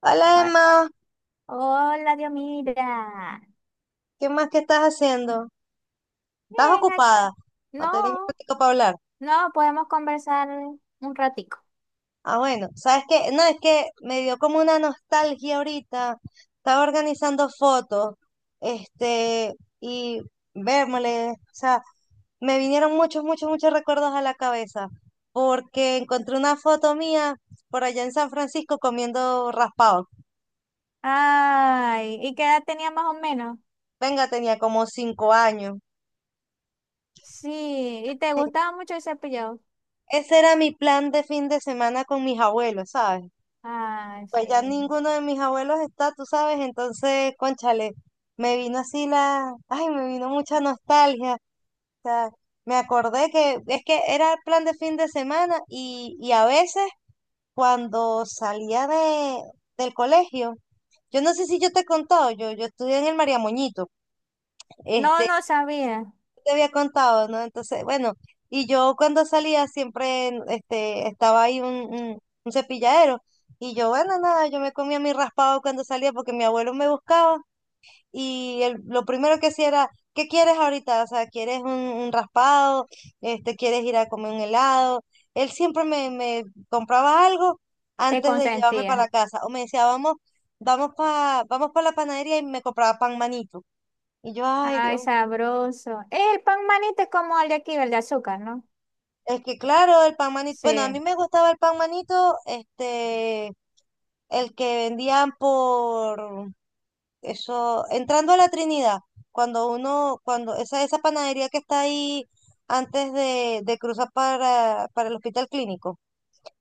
Hola Ho- Emma, Hola, Dios, mira. ¿qué más que estás haciendo? ¿Estás Bien, ocupada? aquí. ¿O tenés un No, ratito para hablar? no, podemos conversar un ratico. Ah, bueno, ¿sabes qué? No, es que me dio como una nostalgia ahorita. Estaba organizando fotos, este, y vérmole, o sea, me vinieron muchos, muchos, muchos recuerdos a la cabeza, porque encontré una foto mía por allá en San Francisco comiendo raspado. Ay, ¿y qué edad tenía más o menos? Venga, tenía como 5 años. Sí, ¿y te gustaba mucho el cepillado? Ese era mi plan de fin de semana con mis abuelos, ¿sabes? Ay, Pues ya sí. ninguno de mis abuelos está, tú sabes, entonces, cónchale, me vino así la, ay, me vino mucha nostalgia. O sea, me acordé que es que era el plan de fin de semana y a veces cuando salía del colegio, yo no sé si yo te he contado, yo estudié en el María Moñito, No, este, no sabía. te había contado, ¿no? Entonces, bueno, y yo cuando salía siempre este, estaba ahí un cepilladero. Y yo, bueno, nada, yo me comía mi raspado cuando salía porque mi abuelo me buscaba. Lo primero que hacía era, ¿qué quieres ahorita? O sea, ¿quieres un raspado? Este, ¿quieres ir a comer un helado? Él siempre me compraba algo Te antes de llevarme para la consentía. casa. O me decía, vamos pa la panadería y me compraba pan manito. Y yo, ay, Ay, Dios. sabroso. El pan manito es como el de aquí, el de azúcar, ¿no? Es que claro, el pan manito, Sí, bueno, a mí me gustaba el pan manito, este, el que vendían por eso, entrando a la Trinidad, cuando uno, cuando esa panadería que está ahí antes de cruzar para el hospital clínico,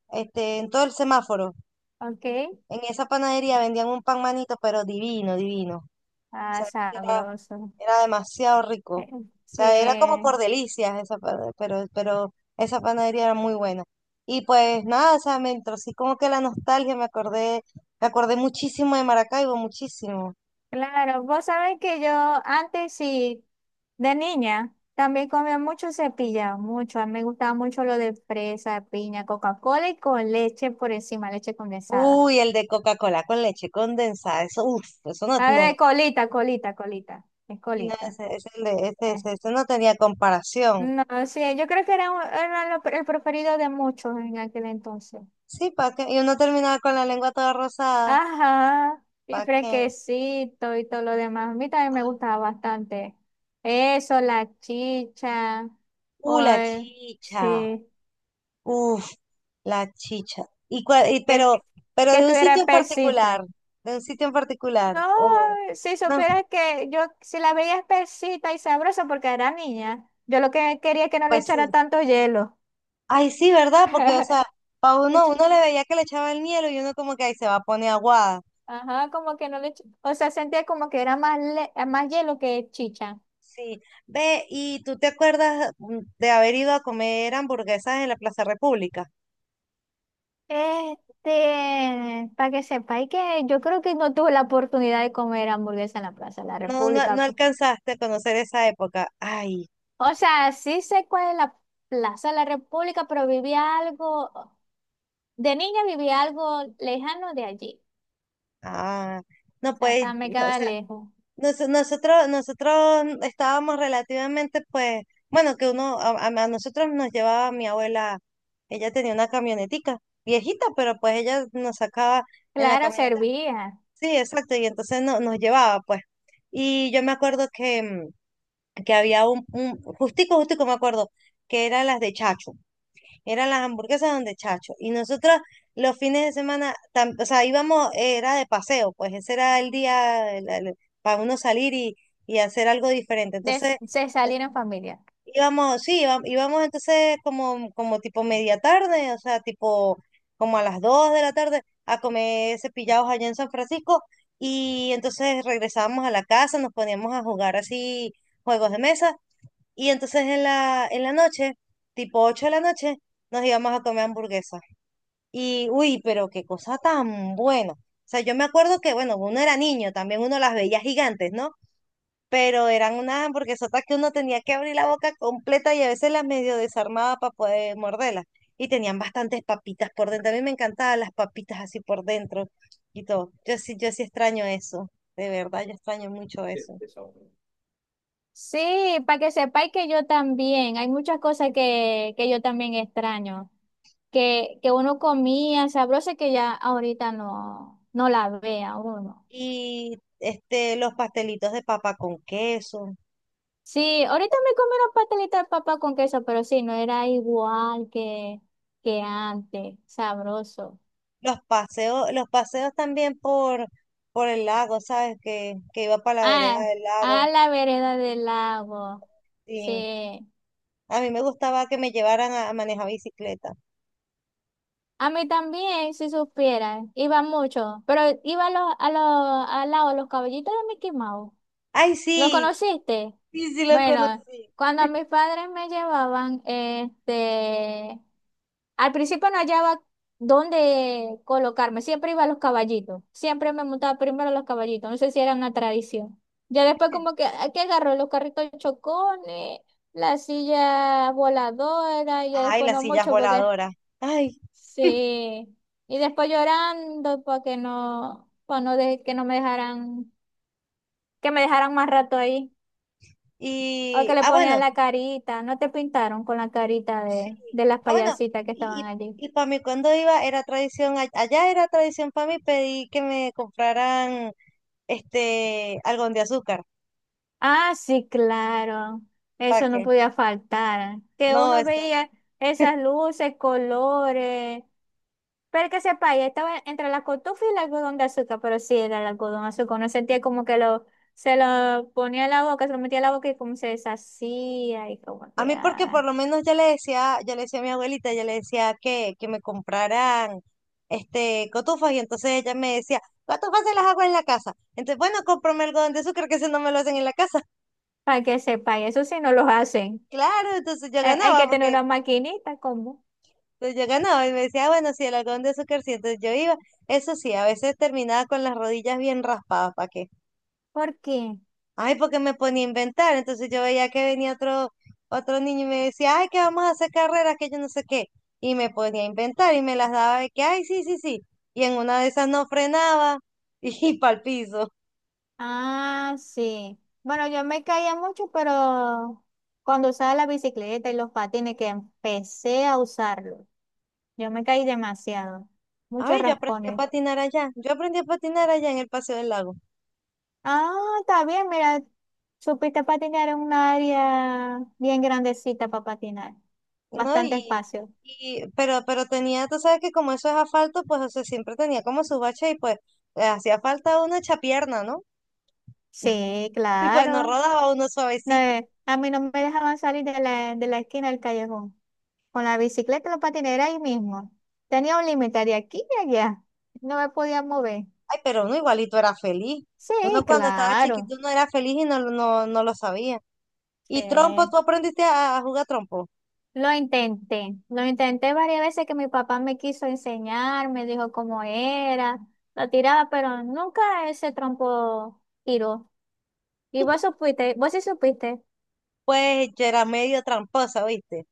este, en todo el semáforo, ok. en esa panadería vendían un pan manito, pero divino, divino. O Ah, sea, era sabroso. Era demasiado rico. Eh, O sea, era como Sí, por delicias pero esa panadería era muy buena. Y pues nada, o sea, me entró así como que la nostalgia, me acordé muchísimo de Maracaibo, muchísimo. claro, vos sabés que yo antes sí, de niña, también comía mucho cepillado, mucho. A mí me gustaba mucho lo de fresa, piña, Coca-Cola y con leche por encima, leche condensada. Uy, el de Coca-Cola con leche condensada, eso, uff, eso no, A ver, no. colita, colita, colita, es Y no, colita. ese, el de, ese- Eh. ese- ese no tenía comparación. No, sí, yo creo que era, era el preferido de muchos en aquel entonces. Sí, ¿para qué? Y uno terminaba con la lengua toda rosada, Ajá, y ¿para qué? fresquecito y todo lo demás. A mí también me gustaba bastante. Eso, la chicha, o La chicha. sí. Uf, la chicha. Y, cua- y que, pero, pero que de un estuviera sitio en espesita. particular, de un sitio en particular. No, O si no, supieras que yo, si la veía espesita y sabrosa porque era niña, yo lo que quería es que no le pues echara sí. tanto hielo. Ay, sí, ¿verdad? Porque, o sea, para Le uno, eché- uno le veía que le echaba el hielo y uno como que ahí se va a poner aguada. Ajá, como que no le o sea, sentía como que era más, más hielo que chicha. Sí. Ve, ¿y tú te acuerdas de haber ido a comer hamburguesas en la Plaza República? Este, para que sepáis que yo creo que no tuve la oportunidad de comer hamburguesa en la Plaza de la No, no, no República. Pues. alcanzaste a conocer esa época. Ay, O sea, sí sé cuál es la Plaza de la República, pero viví algo. De niña vivía algo lejano de allí, ah, o no sea, puedes, estaba, me no, o quedaba sea, lejos. Nosotros estábamos relativamente, pues, bueno, que uno, a nosotros nos llevaba mi abuela, ella tenía una camionetica, viejita, pero pues ella nos sacaba en la Claro, camioneta. servía, Sí, exacto, y entonces no, nos llevaba, pues. Y yo me acuerdo que había un justico, justico me acuerdo, que eran las de Chacho. Eran las hamburguesas donde Chacho. Y nosotros los fines de semana, o sea, íbamos, era de paseo, pues ese era el día para uno salir y hacer algo diferente. de, Entonces se salir en familia. íbamos, sí, íbamos, entonces como tipo media tarde, o sea, tipo como a las 2 de la tarde a comer cepillados allá en San Francisco. Y entonces regresábamos a la casa, nos poníamos a jugar así juegos de mesa. Y entonces en la noche, tipo 8 de la noche, nos íbamos a comer hamburguesas. Y, uy, pero qué cosa tan buena. O sea, yo me acuerdo que, bueno, uno era niño, también uno las veía gigantes, ¿no? Pero eran unas hamburguesotas que uno tenía que abrir la boca completa y a veces las medio desarmaba para poder morderlas. Y tenían bastantes papitas por dentro. A mí me encantaban las papitas así por dentro y todo. Yo sí, yo sí extraño eso. De verdad, yo extraño mucho eso. Sí, para que sepáis que yo también, hay muchas cosas que yo también extraño, que uno comía sabroso y que ya ahorita no, no la vea uno. Y este, los pastelitos de papa con queso. Sí, ahorita me comí unos pastelitos de papa con queso, pero sí, no era igual que antes, sabroso. Los paseos también por el lago, ¿sabes? Que iba para la vereda Ah, del a lago. la vereda del lago. Sí. Sí. A mí me gustaba que me llevaran a manejar bicicleta. A mí también, si supieran, iba mucho, pero iba a los, al lado de los caballitos de Mickey Mouse. ¡Ay, ¿Lo sí! conociste? Sí, sí, lo Bueno, conocí. cuando mis padres me llevaban, al principio no hallaba dónde colocarme, siempre iba a los caballitos, siempre me montaba primero a los caballitos, no sé si era una tradición. Ya después como que, aquí agarró los carritos chocones, la silla voladora, y ya Ay, después las no sillas mucho porque voladoras. Ay, sí, y después llorando para que no, para no que no me dejaran, que me dejaran más rato ahí. O que y, le ah, ponían bueno, la carita, ¿no te pintaron con la carita sí. De las Ah, bueno, payasitas que estaban allí? Para mí cuando iba era tradición, allá era tradición para mí pedí que me compraran este algodón de azúcar. Ah, sí, claro, ¿Para eso no qué? podía faltar, que No, uno eso. veía esas luces, colores, pero que sepa, ya estaba entre la cotufa y el algodón de azúcar, pero sí era el algodón de azúcar, uno sentía como que lo, se lo ponía en la boca, se lo metía en la boca y como se deshacía y como A que, mí porque ay, por lo menos ya le decía a mi abuelita, ya le decía que me compraran este cotufas y entonces ella me decía, cotufas se las hago en la casa. Entonces, bueno, cómprame algodón de azúcar que ese no me lo hacen en la casa. para que sepa, y eso sí no los hacen, Claro, entonces yo hay ganaba que tener porque una maquinita, ¿cómo? entonces yo ganaba y me decía, "Ah, bueno, sí, el algodón de azúcar sí, entonces yo iba." Eso sí, a veces terminaba con las rodillas bien raspadas, ¿para qué? ¿Por qué? Ay, porque me ponía a inventar. Entonces yo veía que venía otro niño y me decía, ay, que vamos a hacer carreras, que yo no sé qué. Y me ponía a inventar y me las daba de que, ay, sí, sí, sí. Y en una de esas no frenaba y, para el piso. Ah, sí. Bueno, yo me caía mucho, pero cuando usaba la bicicleta y los patines, que empecé a usarlo, yo me caí demasiado. Ay, Muchos yo aprendí a raspones. patinar allá. Yo aprendí a patinar allá en el Paseo del Lago, Ah, está bien, mira, supiste patinar en un área bien grandecita para patinar. ¿no? Bastante Y, espacio. y pero, pero tenía, tú sabes que como eso es asfalto, pues o sea, siempre tenía como su bache y pues hacía falta una chapierna, ¿no? Sí, Y pues no claro. rodaba uno No, suavecito. A mí no me dejaban salir de la esquina del callejón. Con la bicicleta y los patines era ahí mismo. Tenía un límite de aquí y allá. No me podía mover. Ay, pero uno igualito era feliz. Uno Sí, cuando estaba chiquito claro. no era feliz y no, no, no lo sabía. ¿Y trompo? Sí. ¿Tú aprendiste a jugar trompo? Lo intenté varias veces que mi papá me quiso enseñar, me dijo cómo era, la tiraba, pero nunca ese trompo tiró. Y vos supiste, vos sí supiste, Pues yo era medio tramposa, ¿viste?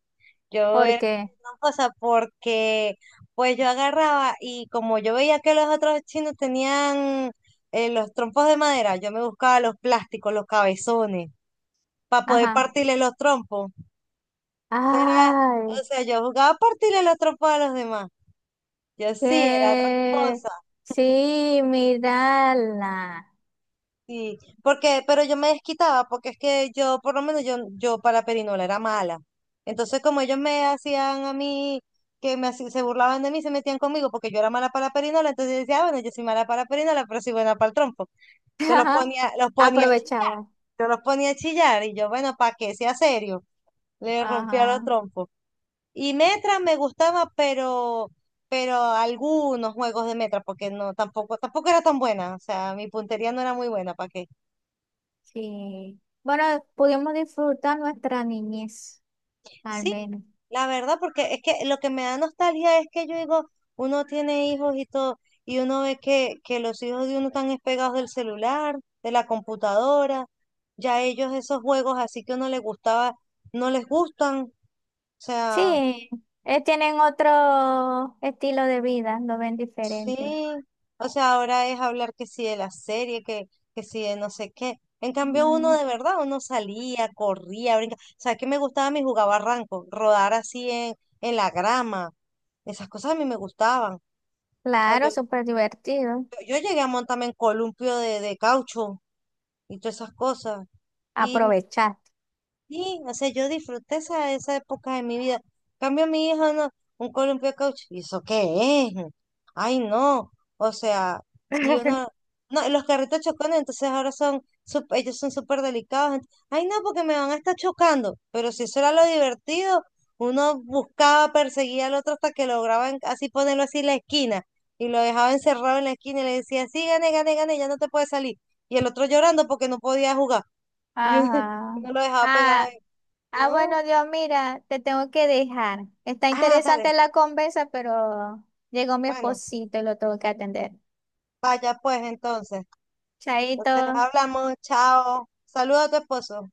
Yo era porque, medio tramposa porque pues yo agarraba y como yo veía que los otros chinos tenían los trompos de madera, yo me buscaba los plásticos, los cabezones, para poder ajá, partirle los trompos. Eso era, o ay, sea, yo jugaba a partirle los trompos a los demás. Yo sí era que tramposa. sí, mirala. Sí, porque, pero yo me desquitaba, porque es que yo, por lo menos yo para Perinola era mala. Entonces, como ellos me hacían a mí, se burlaban de mí, se metían conmigo, porque yo era mala para Perinola, entonces yo decía, "Ah, bueno, yo soy mala para Perinola, pero soy buena para el trompo." Entonces los Ajá, ponía, los ponía a chillar, aprovechaba, yo los ponía a chillar, y yo, bueno, para que sea serio, le rompía los ajá, trompos. Y Metra me gustaba, pero algunos juegos de Metra, porque no, tampoco era tan buena, o sea, mi puntería no era muy buena, ¿para qué? sí. Bueno, pudimos disfrutar nuestra niñez, al Sí, menos. la verdad, porque es que lo que me da nostalgia es que yo digo, uno tiene hijos y todo, y uno ve que los hijos de uno están despegados del celular, de la computadora, ya ellos esos juegos así que uno les gustaba, no les gustan, o sea, Sí, tienen otro estilo de vida, lo ven sí, diferente. o sea, ahora es hablar que sí de la serie, que sí de no sé qué. En cambio, uno Mm, de verdad, uno salía, corría, brincaba. O sea, que me gustaba a mí jugar barranco, rodar así en la grama. Esas cosas a mí me gustaban. O sea, claro, yo, yo súper divertido. yo llegué a montarme en columpio de caucho y todas esas cosas. Y Aprovechar. sí, o sea, yo disfruté esa época de mi vida. En cambio a mi hija, no, un columpio de caucho. ¿Y eso qué es? Ay, no. O sea, y uno, no, y los carritos chocones, entonces ahora son, ellos son súper delicados. Ay, no, porque me van a estar chocando. Pero si eso era lo divertido, uno buscaba, perseguía al otro hasta que lograba así ponerlo así en la esquina. Y lo dejaba encerrado en la esquina y le decía, sí, gane, gane, gane, ya no te puedes salir. Y el otro llorando porque no podía jugar. Ajá. No lo dejaba pegado Ah, ah, no. bueno, Dios, mira, te tengo que dejar. Está Ah, dale. interesante la conversa, pero llegó mi Bueno, esposito y lo tengo que atender. vaya pues entonces. Chaito. Entonces hablamos, chao. Saludos a tu esposo.